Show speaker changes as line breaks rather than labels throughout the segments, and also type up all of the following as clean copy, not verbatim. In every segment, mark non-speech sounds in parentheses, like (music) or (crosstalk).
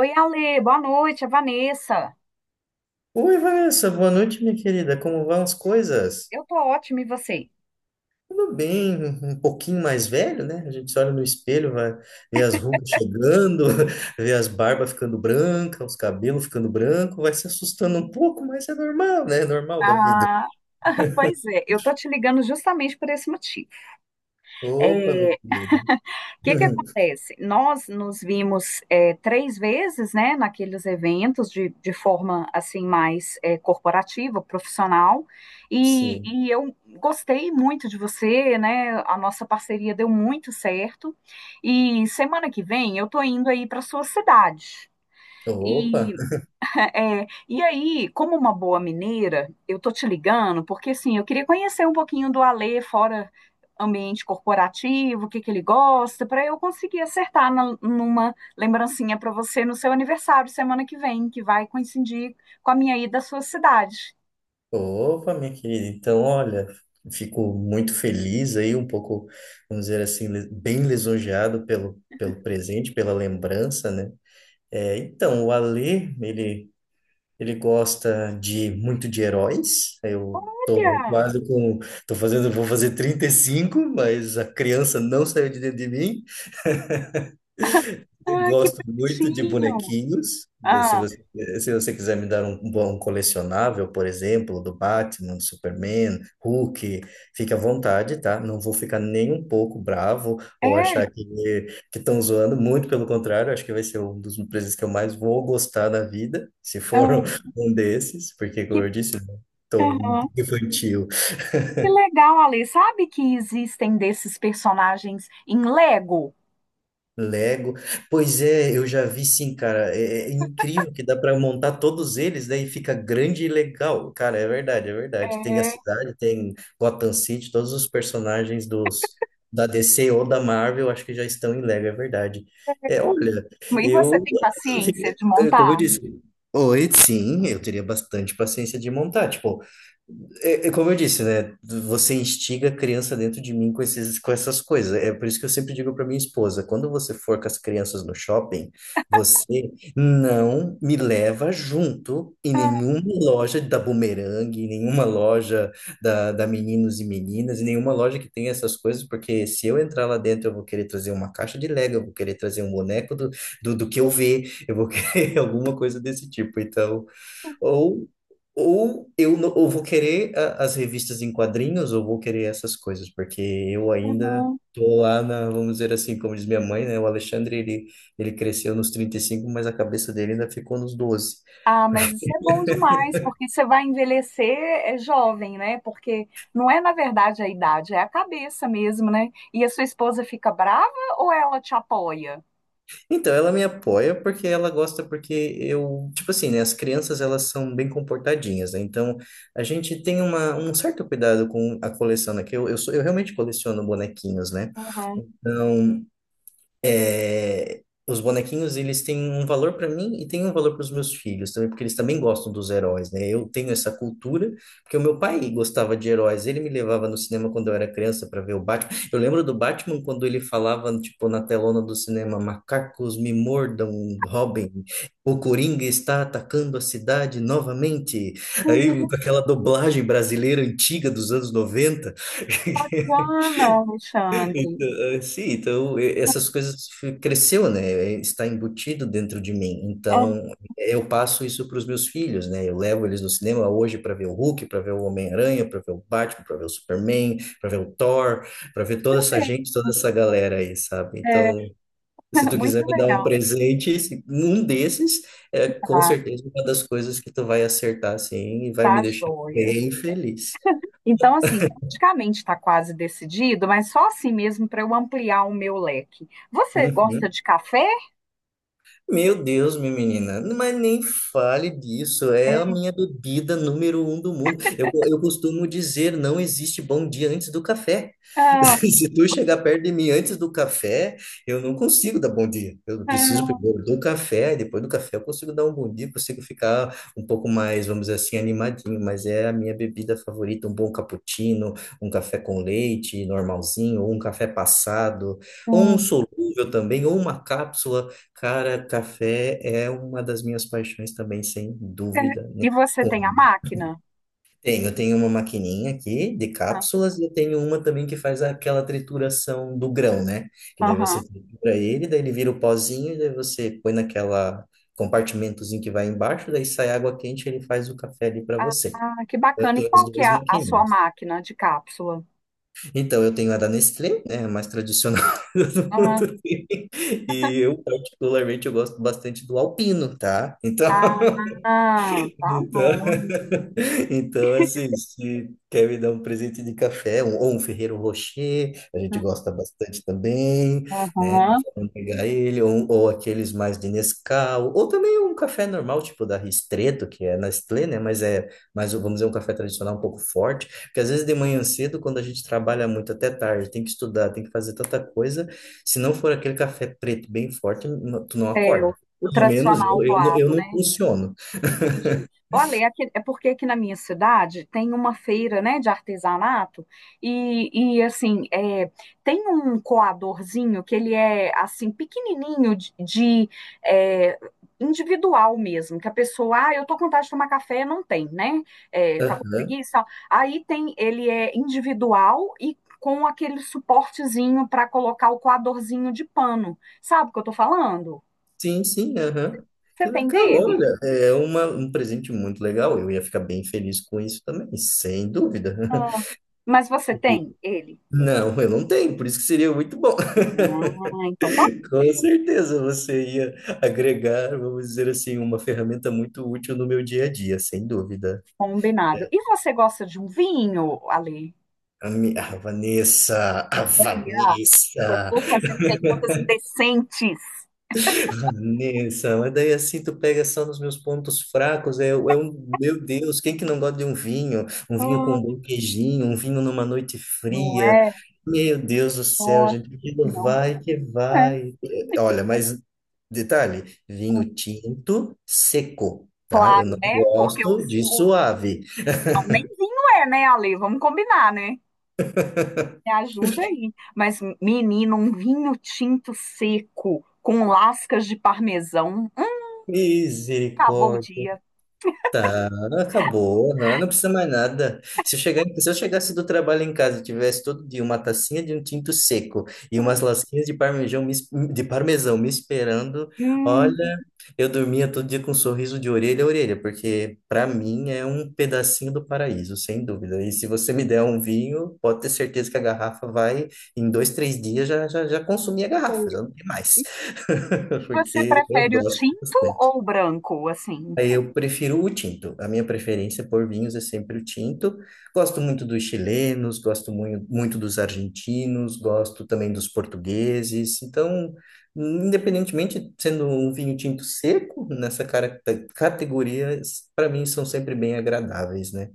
Oi, Ale, boa noite, é Vanessa.
Oi, Vanessa, boa noite, minha querida. Como vão as coisas?
Eu tô ótima, e você?
Tudo bem, um pouquinho mais velho, né? A gente se olha no espelho, vai ver as rugas chegando, (laughs) vê as barbas ficando brancas, os cabelos ficando branco. Vai se assustando um pouco, mas é normal, né? É normal da vida.
Ah, (laughs) pois é, eu tô te ligando justamente por esse motivo. É,
Opa,
o
minha querida.
que
(laughs)
acontece? Nós nos vimos três vezes, né, naqueles eventos de forma, assim, mais corporativa, profissional, e,
Sim.
e eu gostei muito de você, né, a nossa parceria deu muito certo, e semana que vem eu tô indo aí para sua cidade.
Opa,
E e aí, como uma boa mineira, eu tô te ligando porque assim, eu queria conhecer um pouquinho do Alê fora ambiente corporativo, o que ele gosta, para eu conseguir acertar numa lembrancinha para você no seu aniversário semana que vem, que vai coincidir com a minha ida à sua cidade.
opa, minha querida. Então, olha, fico muito feliz aí, um pouco, vamos dizer assim, bem lisonjeado pelo presente, pela lembrança, né? É, então, ele gosta de muito de heróis. Eu tô
Olha,
quase com, Tô fazendo, vou fazer 35 mas a criança não saiu de dentro de mim. Eu
ah, que
gosto muito de
bonitinho.
bonequinhos. Se
Ah,
você, se você quiser me dar um bom colecionável, por exemplo, do Batman, do Superman, Hulk, fique à vontade, tá? Não vou ficar nem um pouco bravo
é,
ou achar que estão zoando. Muito pelo contrário, acho que vai ser um dos presentes que eu mais vou gostar da vida, se for
ah,
(laughs) um desses, porque,
que,
como eu disse, estou
aham.
infantil.
Que legal, Alê. Sabe que existem desses personagens em Lego?
Lego. Pois é, eu já vi sim, cara. É incrível que dá para montar todos eles, daí fica grande e legal. Cara, é verdade. Tem a
É.
cidade, tem Gotham City, todos os personagens dos da DC ou da Marvel, acho que já estão em Lego, é verdade. É, olha,
E você
eu,
tem paciência
fiquei-
de
como eu
montar?
disse, Oi, sim, eu teria bastante paciência de montar. Tipo, é como eu disse, né? Você instiga a criança dentro de mim com essas coisas. É por isso que eu sempre digo para minha esposa, quando você for com as crianças no shopping, você não me leva junto em
Ah,
nenhuma loja da Bumerangue, em nenhuma loja da Meninos e Meninas, em nenhuma loja que tenha essas coisas, porque se eu entrar lá dentro, eu vou querer trazer uma caixa de Lego, eu vou querer trazer um boneco do que eu ver, eu vou querer (laughs) alguma coisa desse tipo. Então, ou, ou eu não, ou vou querer as revistas em quadrinhos, ou vou querer essas coisas, porque eu ainda
uhum.
tô lá na, vamos dizer assim, como diz minha mãe, né? Ele cresceu nos 35 mas a cabeça dele ainda ficou nos doze.
Ah, mas isso é bom demais, porque você vai envelhecer é jovem, né? Porque não é, na verdade, a idade, é a cabeça mesmo, né? E a sua esposa fica brava ou ela te apoia?
Então, ela me apoia porque ela gosta, porque eu, tipo assim, né? As crianças, elas são bem comportadinhas, né? Então, a gente tem um certo cuidado com a coleção, né? Que eu realmente coleciono bonequinhos, né?
Uhum.
Então é, os bonequinhos eles têm um valor para mim e têm um valor para os meus filhos também, porque eles também gostam dos heróis, né? Eu tenho essa cultura, porque o meu pai gostava de heróis, ele me levava no cinema quando eu era criança para ver o Batman. Eu lembro do Batman quando ele falava, tipo, na telona do cinema, macacos me mordam, Robin, o Coringa está atacando a cidade novamente. Aí, com
Uhum.
aquela dublagem brasileira antiga dos anos noventa.
Ah, não, Alexandre.
Então, sim, então essas coisas cresceu, né? Está embutido dentro de mim.
Uhum.
Então eu passo isso para os meus filhos, né? Eu levo eles no cinema hoje para ver o Hulk, para ver o Homem-Aranha, para ver o Batman, para ver o Superman, para ver o Thor, para ver toda essa gente, toda essa galera aí, sabe?
É,
Então, se
(laughs)
tu quiser
muito
me dar um
legal,
presente, um desses é com
tá?
certeza uma das coisas que tu vai acertar assim e vai me
Tá
deixar
joia.
bem feliz.
Então, assim, praticamente está quase decidido, mas só assim mesmo para eu ampliar o meu leque. Você gosta
Uhum.
de café?
Meu Deus, minha menina, mas nem fale disso, é a minha bebida número um do mundo. Eu costumo dizer, não existe bom dia antes do café. (laughs)
Ah,
Se tu chegar perto de mim antes do café, eu não consigo dar bom dia. Eu preciso
ah,
primeiro do café, e depois do café eu consigo dar um bom dia, consigo ficar um pouco mais, vamos dizer assim, animadinho, mas é a minha bebida favorita, um bom cappuccino, um café com leite normalzinho, ou um café passado, ou um
hum.
solúvel também, ou uma cápsula. Cara, café é uma das minhas paixões também, sem
É,
dúvida
e você tem a
nenhuma.
máquina?
Tenho, eu tenho uma maquininha aqui de
Ah,
cápsulas e eu tenho uma também que faz aquela trituração do grão, né? Que daí
aham.
você tritura ele, daí ele vira o pozinho e daí você põe naquela compartimentozinho que vai embaixo, daí sai água quente e ele faz o café ali para
Ah,
você.
ah, que
Então, eu
bacana. E
tenho as
qual que é
duas
a sua
maquininhas.
máquina de cápsula?
Então, eu tenho a da Nestlé, né, a mais tradicional (laughs) do
Ah,
mundo. E eu, particularmente, eu gosto bastante do Alpino, tá? Então, (laughs)
ah, tá
então
bom.
(laughs) então assim, se quer me dar um presente de café, ou um Ferreiro Rocher, a gente gosta bastante também, né?
Aham.
Vamos pegar ele, ou aqueles mais de Nescau, ou também um café normal, tipo da Ristretto, que é Nestlé, né? Mas vamos dizer, um café tradicional um pouco forte, porque às vezes de manhã cedo, quando a gente trabalha muito até tarde, tem que estudar, tem que fazer tanta coisa, se não for aquele café preto bem forte, tu não
É,
acorda.
o
Pelo menos
tradicional
eu
coado,
não
né?
funciono.
Entendi. Olha, é porque aqui na minha cidade tem uma feira, né, de artesanato e assim, é, tem um coadorzinho que ele é, assim, pequenininho é, individual mesmo, que a pessoa, ah, eu tô com vontade de tomar café, não tem, né, é, tá com
Aham.
preguiça, aí tem, ele é individual e com aquele suportezinho para colocar o coadorzinho de pano, sabe o que eu tô falando?
Sim, aham. Que
Você tem
legal,
dele?
olha, é um presente muito legal. Eu ia ficar bem feliz com isso também, sem dúvida.
Ah,
(laughs)
mas você
E-
tem ele?
Não, eu não tenho, por isso que seria muito bom. (laughs)
Ah, então tá
Com certeza você ia agregar, vamos dizer assim, uma ferramenta muito útil no meu dia a dia, sem dúvida.
combinado. E você gosta de um vinho, Ale?
A
Ah,
Vanessa.
estou fazendo perguntas indecentes.
Vanessa, mas daí assim tu pega só nos meus pontos fracos, meu Deus, quem que não gosta de um vinho? Um vinho com um
Hum,
bom queijinho, um vinho numa noite
não
fria.
é?
Meu Deus do céu,
Nossa,
gente, aquilo
não
vai que
é.
vai. É, olha, mas detalhe, vinho tinto seco, tá? Eu
Claro,
não
né? Porque
gosto de
o-
suave.
não, nem vinho é, né, Ale? Vamos combinar, né? Me ajuda aí. Mas, menino, um vinho tinto seco com lascas de parmesão. Acabou o
Misericórdia.
dia.
Tá, acabou, não. Não precisa mais nada. Se eu chegasse do trabalho em casa e tivesse todo dia uma tacinha de um tinto seco e umas lasquinhas de parmesão de parmesão me esperando,
Hum,
olha, eu dormia todo dia com um sorriso de orelha a orelha, porque para mim é um pedacinho do paraíso, sem dúvida. E se você me der um vinho, pode ter certeza que a garrafa vai, em dois, três dias, já consumi a garrafa,
foi.
já não tem mais.
E
(laughs)
você
Porque eu
prefere o
gosto
tinto
bastante.
ou o branco, assim?
Aí eu prefiro o tinto. A minha preferência por vinhos é sempre o tinto. Gosto muito dos chilenos, muito dos argentinos, gosto também dos portugueses. Então, independentemente sendo um vinho tinto seco, categoria, para mim são sempre bem agradáveis, né?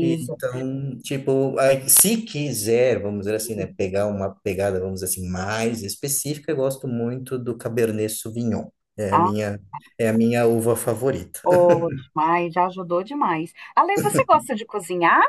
Então, tipo, aí, se quiser, vamos dizer assim, né, pegar uma pegada, vamos dizer assim, mais específica, eu gosto muito do Cabernet Sauvignon. É a minha, é a minha uva favorita.
Oh, demais, já ajudou demais. Ale, você gosta de cozinhar?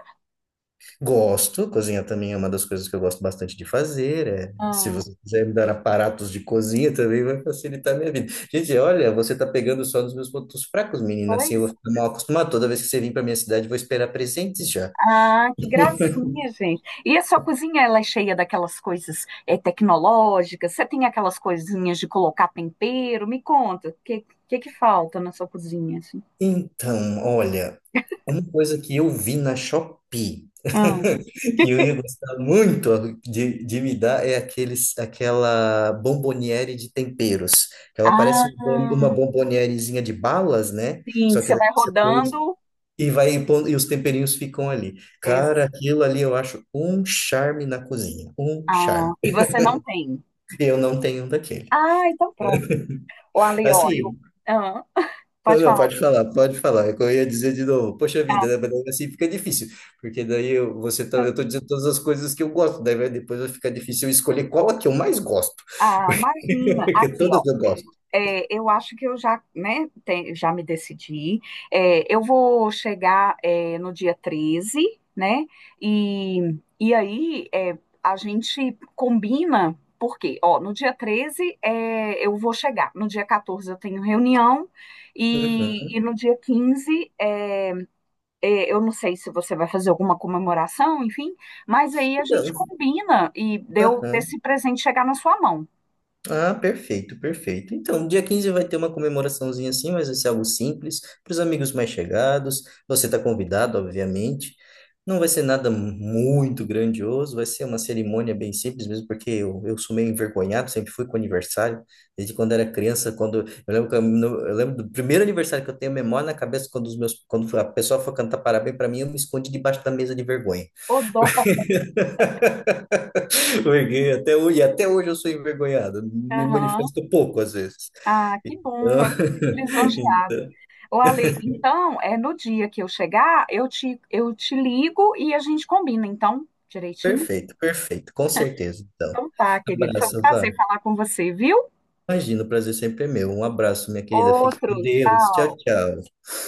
Gosto, cozinhar também é uma das coisas que eu gosto bastante de fazer. É. Se
Ah,
você quiser me dar aparatos de cozinha, também vai facilitar a minha vida. Gente, olha, você está pegando só nos meus pontos fracos, menina. Assim, eu vou
pois.
ficar mal acostumado. Toda vez que você vir para minha cidade, eu vou esperar presentes já.
Ah, que gracinha, gente. E a sua cozinha, ela é cheia daquelas coisas tecnológicas? Você tem aquelas coisinhas de colocar tempero? Me conta, que falta na sua cozinha, assim?
Então, olha, uma coisa que eu vi na Shopee,
Ah,
(laughs) que eu ia gostar muito de me dar, é aquela bomboniere de temperos. Que ela parece uma
ah,
bombonierezinha de balas, né?
sim,
Só que
você
daí
vai
você põe os
rodando.
E vai impondo, e os temperinhos ficam ali. Cara,
ex-
aquilo ali eu acho um charme na cozinha, um
Ah,
charme.
e você não tem.
Eu não tenho um daquele.
Ah, então pronto. Ô, Ale, ó, eu...
Assim,
Ah,
não,
pode
não,
falar.
pode falar, pode falar. Eu ia dizer de novo, poxa
Ah,
vida, né? Mas daí assim fica difícil, porque daí eu, você tá, eu tô dizendo todas as coisas que eu gosto, daí vai, depois vai ficar difícil eu escolher qual a que eu mais gosto,
ah,
(laughs)
imagina.
porque
Aqui,
todas eu gosto.
é, eu acho que eu já, né, já me decidi. É, eu vou chegar, é, no dia 13, né? E aí é, a gente combina, porque, ó, no dia 13 é, eu vou chegar, no dia 14 eu tenho reunião, e,
Uhum.
e no dia 15 é, é, eu não sei se você vai fazer alguma comemoração, enfim, mas aí a gente
Então,
combina e deu
aham.
esse presente chegar na sua mão.
Ah, perfeito. Então, dia 15 vai ter uma comemoraçãozinha assim, mas vai ser algo simples, para os amigos mais chegados. Você está convidado, obviamente. Não vai ser nada muito grandioso, vai ser uma cerimônia bem simples mesmo, porque eu sou meio envergonhado, sempre fui com aniversário, desde quando era criança, quando eu lembro, que eu, no- eu lembro do primeiro aniversário que eu tenho memória na cabeça, quando a pessoa foi cantar parabéns para mim, eu me escondi debaixo da mesa de vergonha.
Ô, dó.
Peguei até hoje, e até hoje eu sou envergonhado, me manifesto pouco às vezes.
Ah, que
Então,
bom, eu fico
(laughs)
lisonjeada.
então,
Ô, Ale, então, é no dia que eu chegar, eu te ligo e a gente combina, então, direitinho?
perfeito, com certeza. Então,
Então tá, querido. Foi um
abraço, Vá.
prazer falar com você, viu?
Imagina, o prazer sempre é meu. Um abraço, minha querida. Fique
Outro,
com Deus. Tchau,
tchau.
tchau.